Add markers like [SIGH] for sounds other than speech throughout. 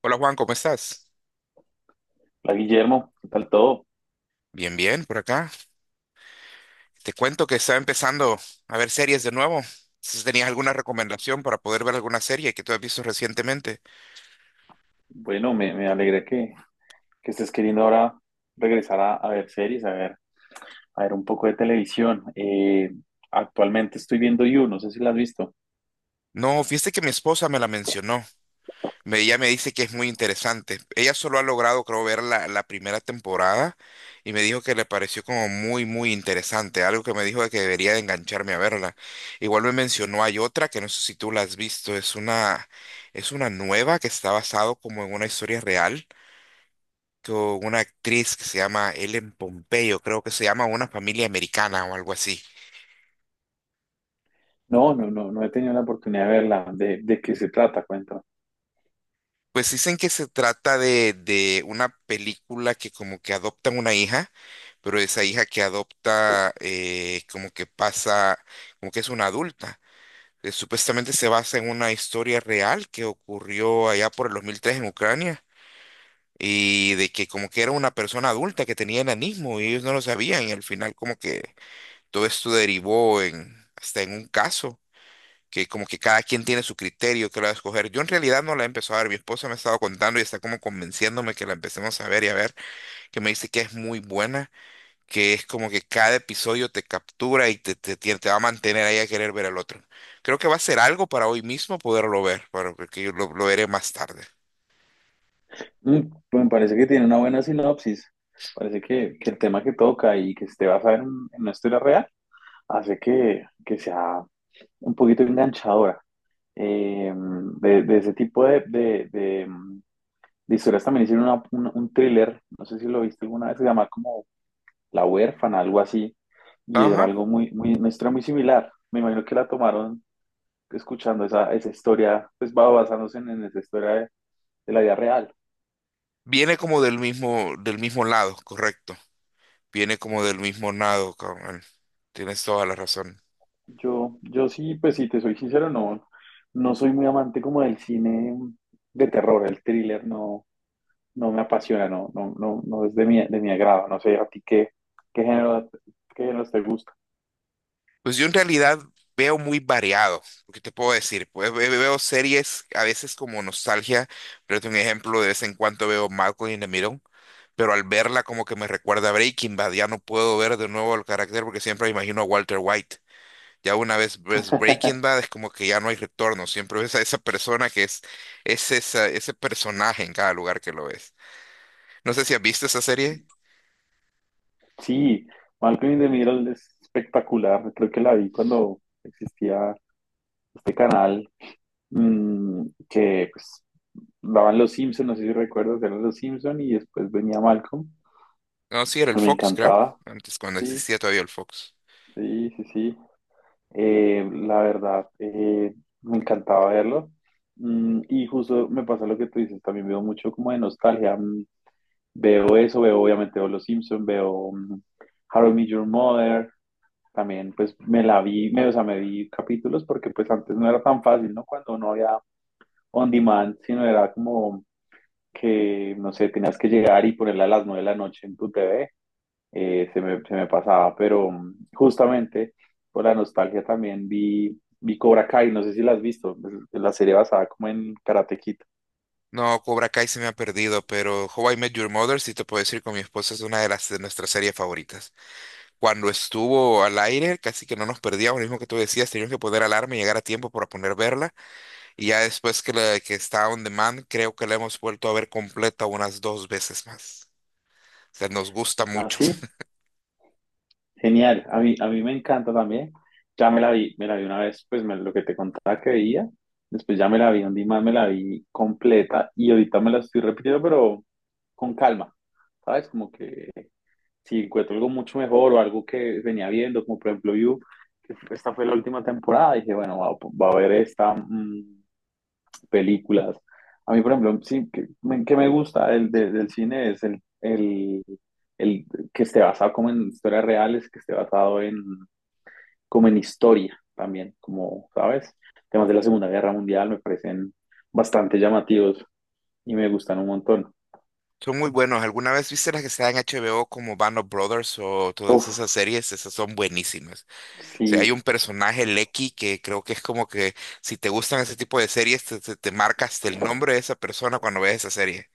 Hola Juan, ¿cómo estás? Hola Guillermo, ¿qué tal todo? Bien, bien, por acá. Te cuento que estaba empezando a ver series de nuevo. Si tenías alguna recomendación para poder ver alguna serie que tú has visto recientemente. Bueno, me alegra que estés queriendo ahora regresar a ver series, a ver un poco de televisión. Actualmente estoy viendo You, no sé si la has visto. No, fíjate que mi esposa me la mencionó. Ella me dice que es muy interesante. Ella solo ha logrado, creo, ver la primera temporada y me dijo que le pareció como muy, muy interesante. Algo que me dijo de que debería de engancharme a verla. Igual me mencionó, hay otra que no sé si tú la has visto. Es una nueva que está basado como en una historia real con una actriz que se llama Ellen Pompeyo, creo que se llama Una familia americana o algo así. No, he tenido la oportunidad de verla. ¿De qué se trata? Cuéntame. Pues dicen que se trata de una película que como que adoptan una hija, pero esa hija que adopta como que pasa, como que es una adulta. Supuestamente se basa en una historia real que ocurrió allá por el 2003 en Ucrania y de que como que era una persona adulta que tenía enanismo y ellos no lo sabían y al final como que todo esto derivó en hasta en un caso que como que cada quien tiene su criterio que lo va a escoger. Yo en realidad no la he empezado a ver, mi esposa me ha estado contando y está como convenciéndome que la empecemos a ver y a ver, que me dice que es muy buena, que es como que cada episodio te captura y te va a mantener ahí a querer ver al otro. Creo que va a ser algo para hoy mismo poderlo ver, para que yo lo veré más tarde. Pues me parece que tiene una buena sinopsis. Parece que el tema que toca y que esté basado en una historia real hace que sea un poquito enganchadora. Eh, de ese tipo de historias también hicieron un thriller, no sé si lo viste alguna vez, se llama como La huérfana, algo así. Y era Ajá. algo muy, muy, una historia muy similar. Me imagino que la tomaron escuchando esa historia, pues va basándose en esa historia de la vida real. Viene como del mismo lado, correcto. Viene como del mismo lado, cabrón. Tienes toda la razón. Yo sí, pues si te soy sincero, no, no soy muy amante como del cine de terror, el thriller no, no me apasiona, no, no, no, no es de de mi agrado. No sé, a ti qué género, qué géneros te gusta. Pues yo en realidad veo muy variado, ¿qué te puedo decir? Pues veo series a veces como nostalgia, pero es un ejemplo, de vez en cuando veo Malcolm in the Middle, pero al verla como que me recuerda a Breaking Bad, ya no puedo ver de nuevo el carácter porque siempre me imagino a Walter White. Ya una vez ves Breaking [LAUGHS] Bad es como que ya no hay retorno, siempre ves a esa persona que ese personaje en cada lugar que lo ves. No sé si has visto esa serie. Sí, Malcolm in the Middle es espectacular. Creo que la vi cuando existía este canal que pues daban Los Simpson, no sé si recuerdas, eran Los Simpson y después venía Malcolm, No, sí, era el me Fox, creo, encantaba, antes cuando sí, existía todavía el Fox. sí, sí, sí. La verdad, me encantaba verlo. Y justo me pasa lo que tú dices, también veo mucho como de nostalgia. Veo eso, veo obviamente veo Los Simpson, How I Met Your Mother, también pues me la vi, me, o sea, me vi capítulos porque pues antes no era tan fácil, ¿no? Cuando no había on demand, sino era como que, no sé, tenías que llegar y ponerla a las 9 de la noche en tu TV, se me pasaba, pero justamente por la nostalgia también vi Cobra Kai, no sé si la has visto, es la serie basada como en Karate Kid. No, Cobra Kai se me ha perdido, pero How I Met Your Mother, si te puedo decir, con mi esposa es una de las de nuestras series favoritas. Cuando estuvo al aire, casi que no nos perdíamos, lo mismo que tú decías, teníamos que poner alarma y llegar a tiempo para poner verla. Y ya después que está on demand, creo que la hemos vuelto a ver completa unas dos veces más. O sea, nos gusta Ah, mucho. sí, [LAUGHS] genial, a a mí me encanta también, ya me la vi una vez, pues me- lo que te contaba que veía, después ya me la vi un día más, me la vi completa y ahorita me la estoy repitiendo, pero con calma, ¿sabes? Como que si encuentro algo mucho mejor o algo que venía viendo, como por ejemplo You, que esta fue la última temporada, dije, bueno, va, va a ver estas películas. A mí, por ejemplo, sí, que me gusta el de- del cine es el que esté basado como en historias reales, que esté basado en, como en historia también, como, ¿sabes? Temas de la Segunda Guerra Mundial me parecen bastante llamativos y me gustan un montón. Son muy buenos. ¿Alguna vez viste las que están en HBO como Band of Brothers o todas Uf, esas series? Esas son buenísimas. Sea, hay sí. un personaje, Lecky, que creo que es como que si te gustan ese tipo de series, te marca hasta el nombre de esa persona cuando ves esa serie.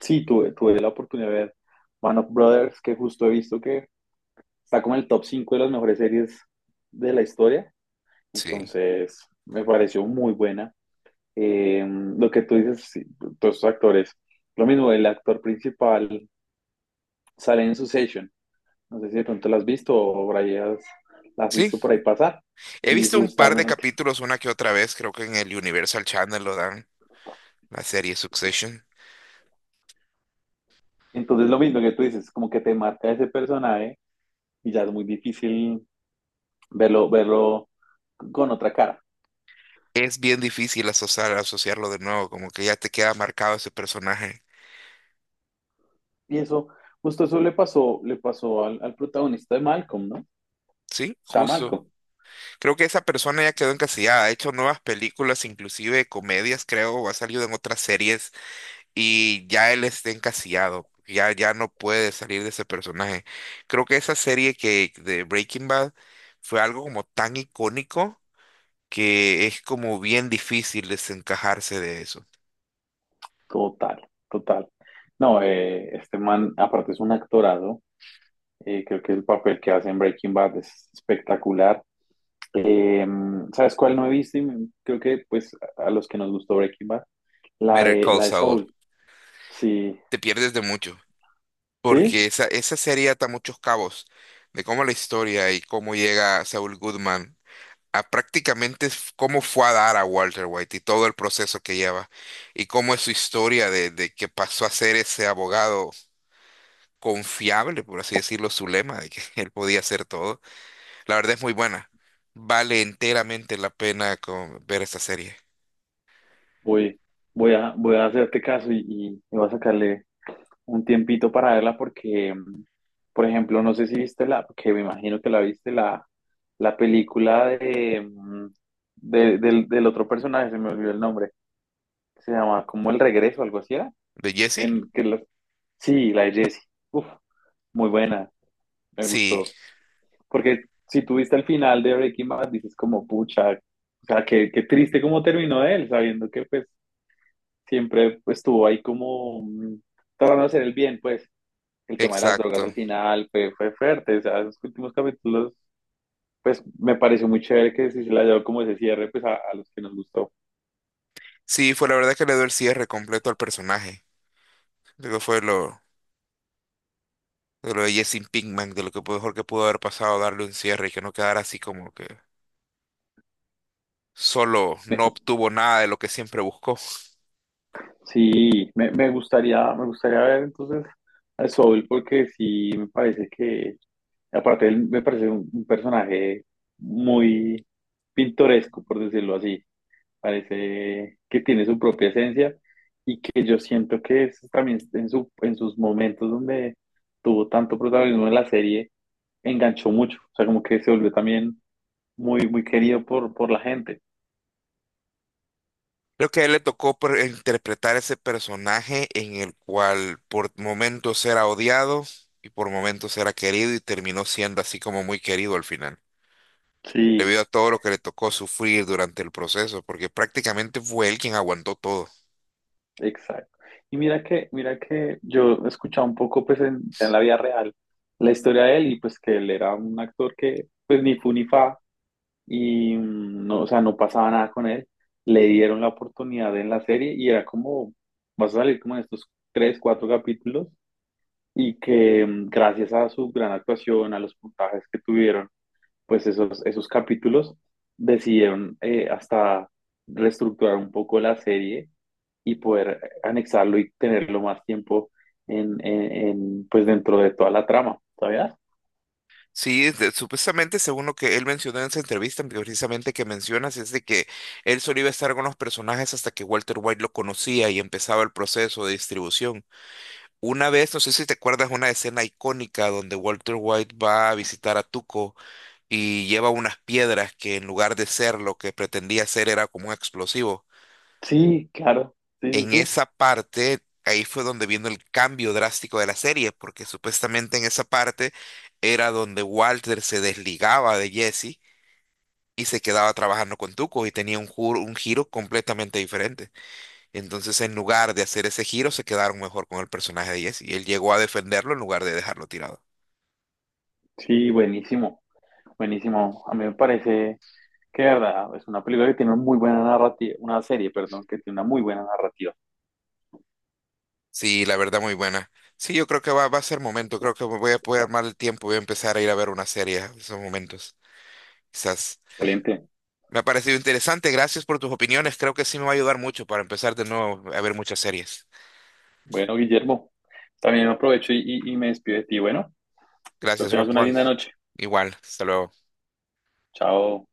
Sí, tuve la oportunidad de ver Man of Brothers, que justo he visto que está como en el top 5 de las mejores series de la historia. Sí. Entonces, me pareció muy buena. Lo que tú dices, sí, todos estos actores, lo mismo, el actor principal sale en Succession. No sé si de pronto la has visto o por ahí has, la has Sí, visto por ahí pasar. he Y visto un par de justamente, capítulos una que otra vez, creo que en el Universal Channel lo dan, la serie Succession. entonces lo mismo que tú dices, como que te marca ese personaje y ya es muy difícil verlo, verlo con otra cara. Es bien difícil asociar, asociarlo de nuevo, como que ya te queda marcado ese personaje. Y eso, justo eso le pasó al protagonista de Malcolm, ¿no? O Sí, sea, justo. Malcolm, Creo que esa persona ya quedó encasillada, ha hecho nuevas películas, inclusive comedias, creo, o ha salido en otras series y ya él está encasillado, ya no puede salir de ese personaje. Creo que esa serie que de Breaking Bad fue algo como tan icónico que es como bien difícil desencajarse de eso. total, total. No, este man, aparte es un actorado, creo que el papel que hace en Breaking Bad es espectacular. Eh, ¿Sabes cuál no he visto? Y me- creo que, pues, a los que nos gustó Breaking Bad, Better Call la de Saul, Soul. Sí, te pierdes de mucho, sí, porque esa serie ata muchos cabos de cómo la historia y cómo llega Saul Goodman. A prácticamente cómo fue a dar a Walter White y todo el proceso que lleva y cómo es su historia de que pasó a ser ese abogado confiable, por así decirlo, su lema de que [LAUGHS] él podía hacer todo. La verdad es muy buena. Vale enteramente la pena ver esta serie. voy, voy a hacerte caso y voy a sacarle un tiempito para verla porque, por ejemplo, no sé si viste la, que me imagino que la viste, la película de, mm, de- del, del otro personaje, se me olvidó el nombre, se llama como El Regreso, algo así era. ¿De Jesse? En, que la- sí, la de Jessie. Uf, muy buena, me Sí, gustó. Porque si tú viste el final de Breaking Bad, dices como, pucha, o sea, qué, qué triste cómo terminó él, sabiendo que pues siempre pues, estuvo ahí como tratando de hacer el bien, pues. El tema de las drogas al exacto. final fue fuerte, o sea, esos últimos capítulos, pues me pareció muy chévere que si se la llevó como ese cierre, pues a los que nos gustó. Sí, fue la verdad que le dio el cierre completo al personaje. Luego fue lo de Jesse Pinkman, de lo que mejor que pudo haber pasado, darle un cierre y que no quedara así como que solo Me- no obtuvo nada de lo que siempre buscó. sí, me gustaría ver entonces a Soul porque sí me parece que, aparte él me parece un personaje muy pintoresco, por decirlo así, parece que tiene su propia esencia y que yo siento que es también en su, en sus momentos donde tuvo tanto protagonismo en la serie, enganchó mucho, o sea, como que se volvió también muy, muy querido por la gente. Creo que a él le tocó interpretar ese personaje en el cual por momentos era odiado y por momentos era querido y terminó siendo así como muy querido al final, Sí, debido a todo lo que le tocó sufrir durante el proceso, porque prácticamente fue él quien aguantó todo. exacto. Y mira que yo he escuchado un poco, pues, en la vida real, la historia de él y pues que él era un actor que, pues, ni fu ni fa y no, o sea, no pasaba nada con él. Le dieron la oportunidad en la serie y era como, vas a salir como en estos tres, cuatro capítulos y que gracias a su gran actuación, a los puntajes que tuvieron, pues esos capítulos decidieron hasta reestructurar un poco la serie y poder anexarlo y tenerlo más tiempo en, pues dentro de toda la trama, ¿sabías? Sí, supuestamente según lo que él mencionó en esa entrevista, precisamente que mencionas, es de que él solo iba a estar con los personajes hasta que Walter White lo conocía y empezaba el proceso de distribución. Una vez, no sé si te acuerdas, una escena icónica donde Walter White va a visitar a Tuco y lleva unas piedras que en lugar de ser lo que pretendía ser era como un explosivo. Sí, claro, sí, sí, En sí, esa parte, ahí fue donde vino el cambio drástico de la serie, porque supuestamente en esa parte era donde Walter se desligaba de Jesse y se quedaba trabajando con Tuco y tenía un, un giro completamente diferente. Entonces, en lugar de hacer ese giro, se quedaron mejor con el personaje de Jesse y él llegó a defenderlo en lugar de dejarlo tirado. sí, buenísimo, buenísimo. A mí me parece que, de verdad, es una película que tiene una muy buena narrativa, una serie, perdón, que tiene una muy buena narrativa. Sí, la verdad muy buena. Sí, yo creo que va a ser momento, creo que me voy a poder armar el tiempo, voy a empezar a ir a ver una serie en esos momentos. Quizás. Excelente. Me ha parecido interesante, gracias por tus opiniones, creo que sí me va a ayudar mucho para empezar de nuevo a ver muchas series. Bueno, Guillermo, también aprovecho y me despido de ti. Bueno, pero Gracias, tengas Rock una Juan. linda noche. Igual, hasta luego. Chao.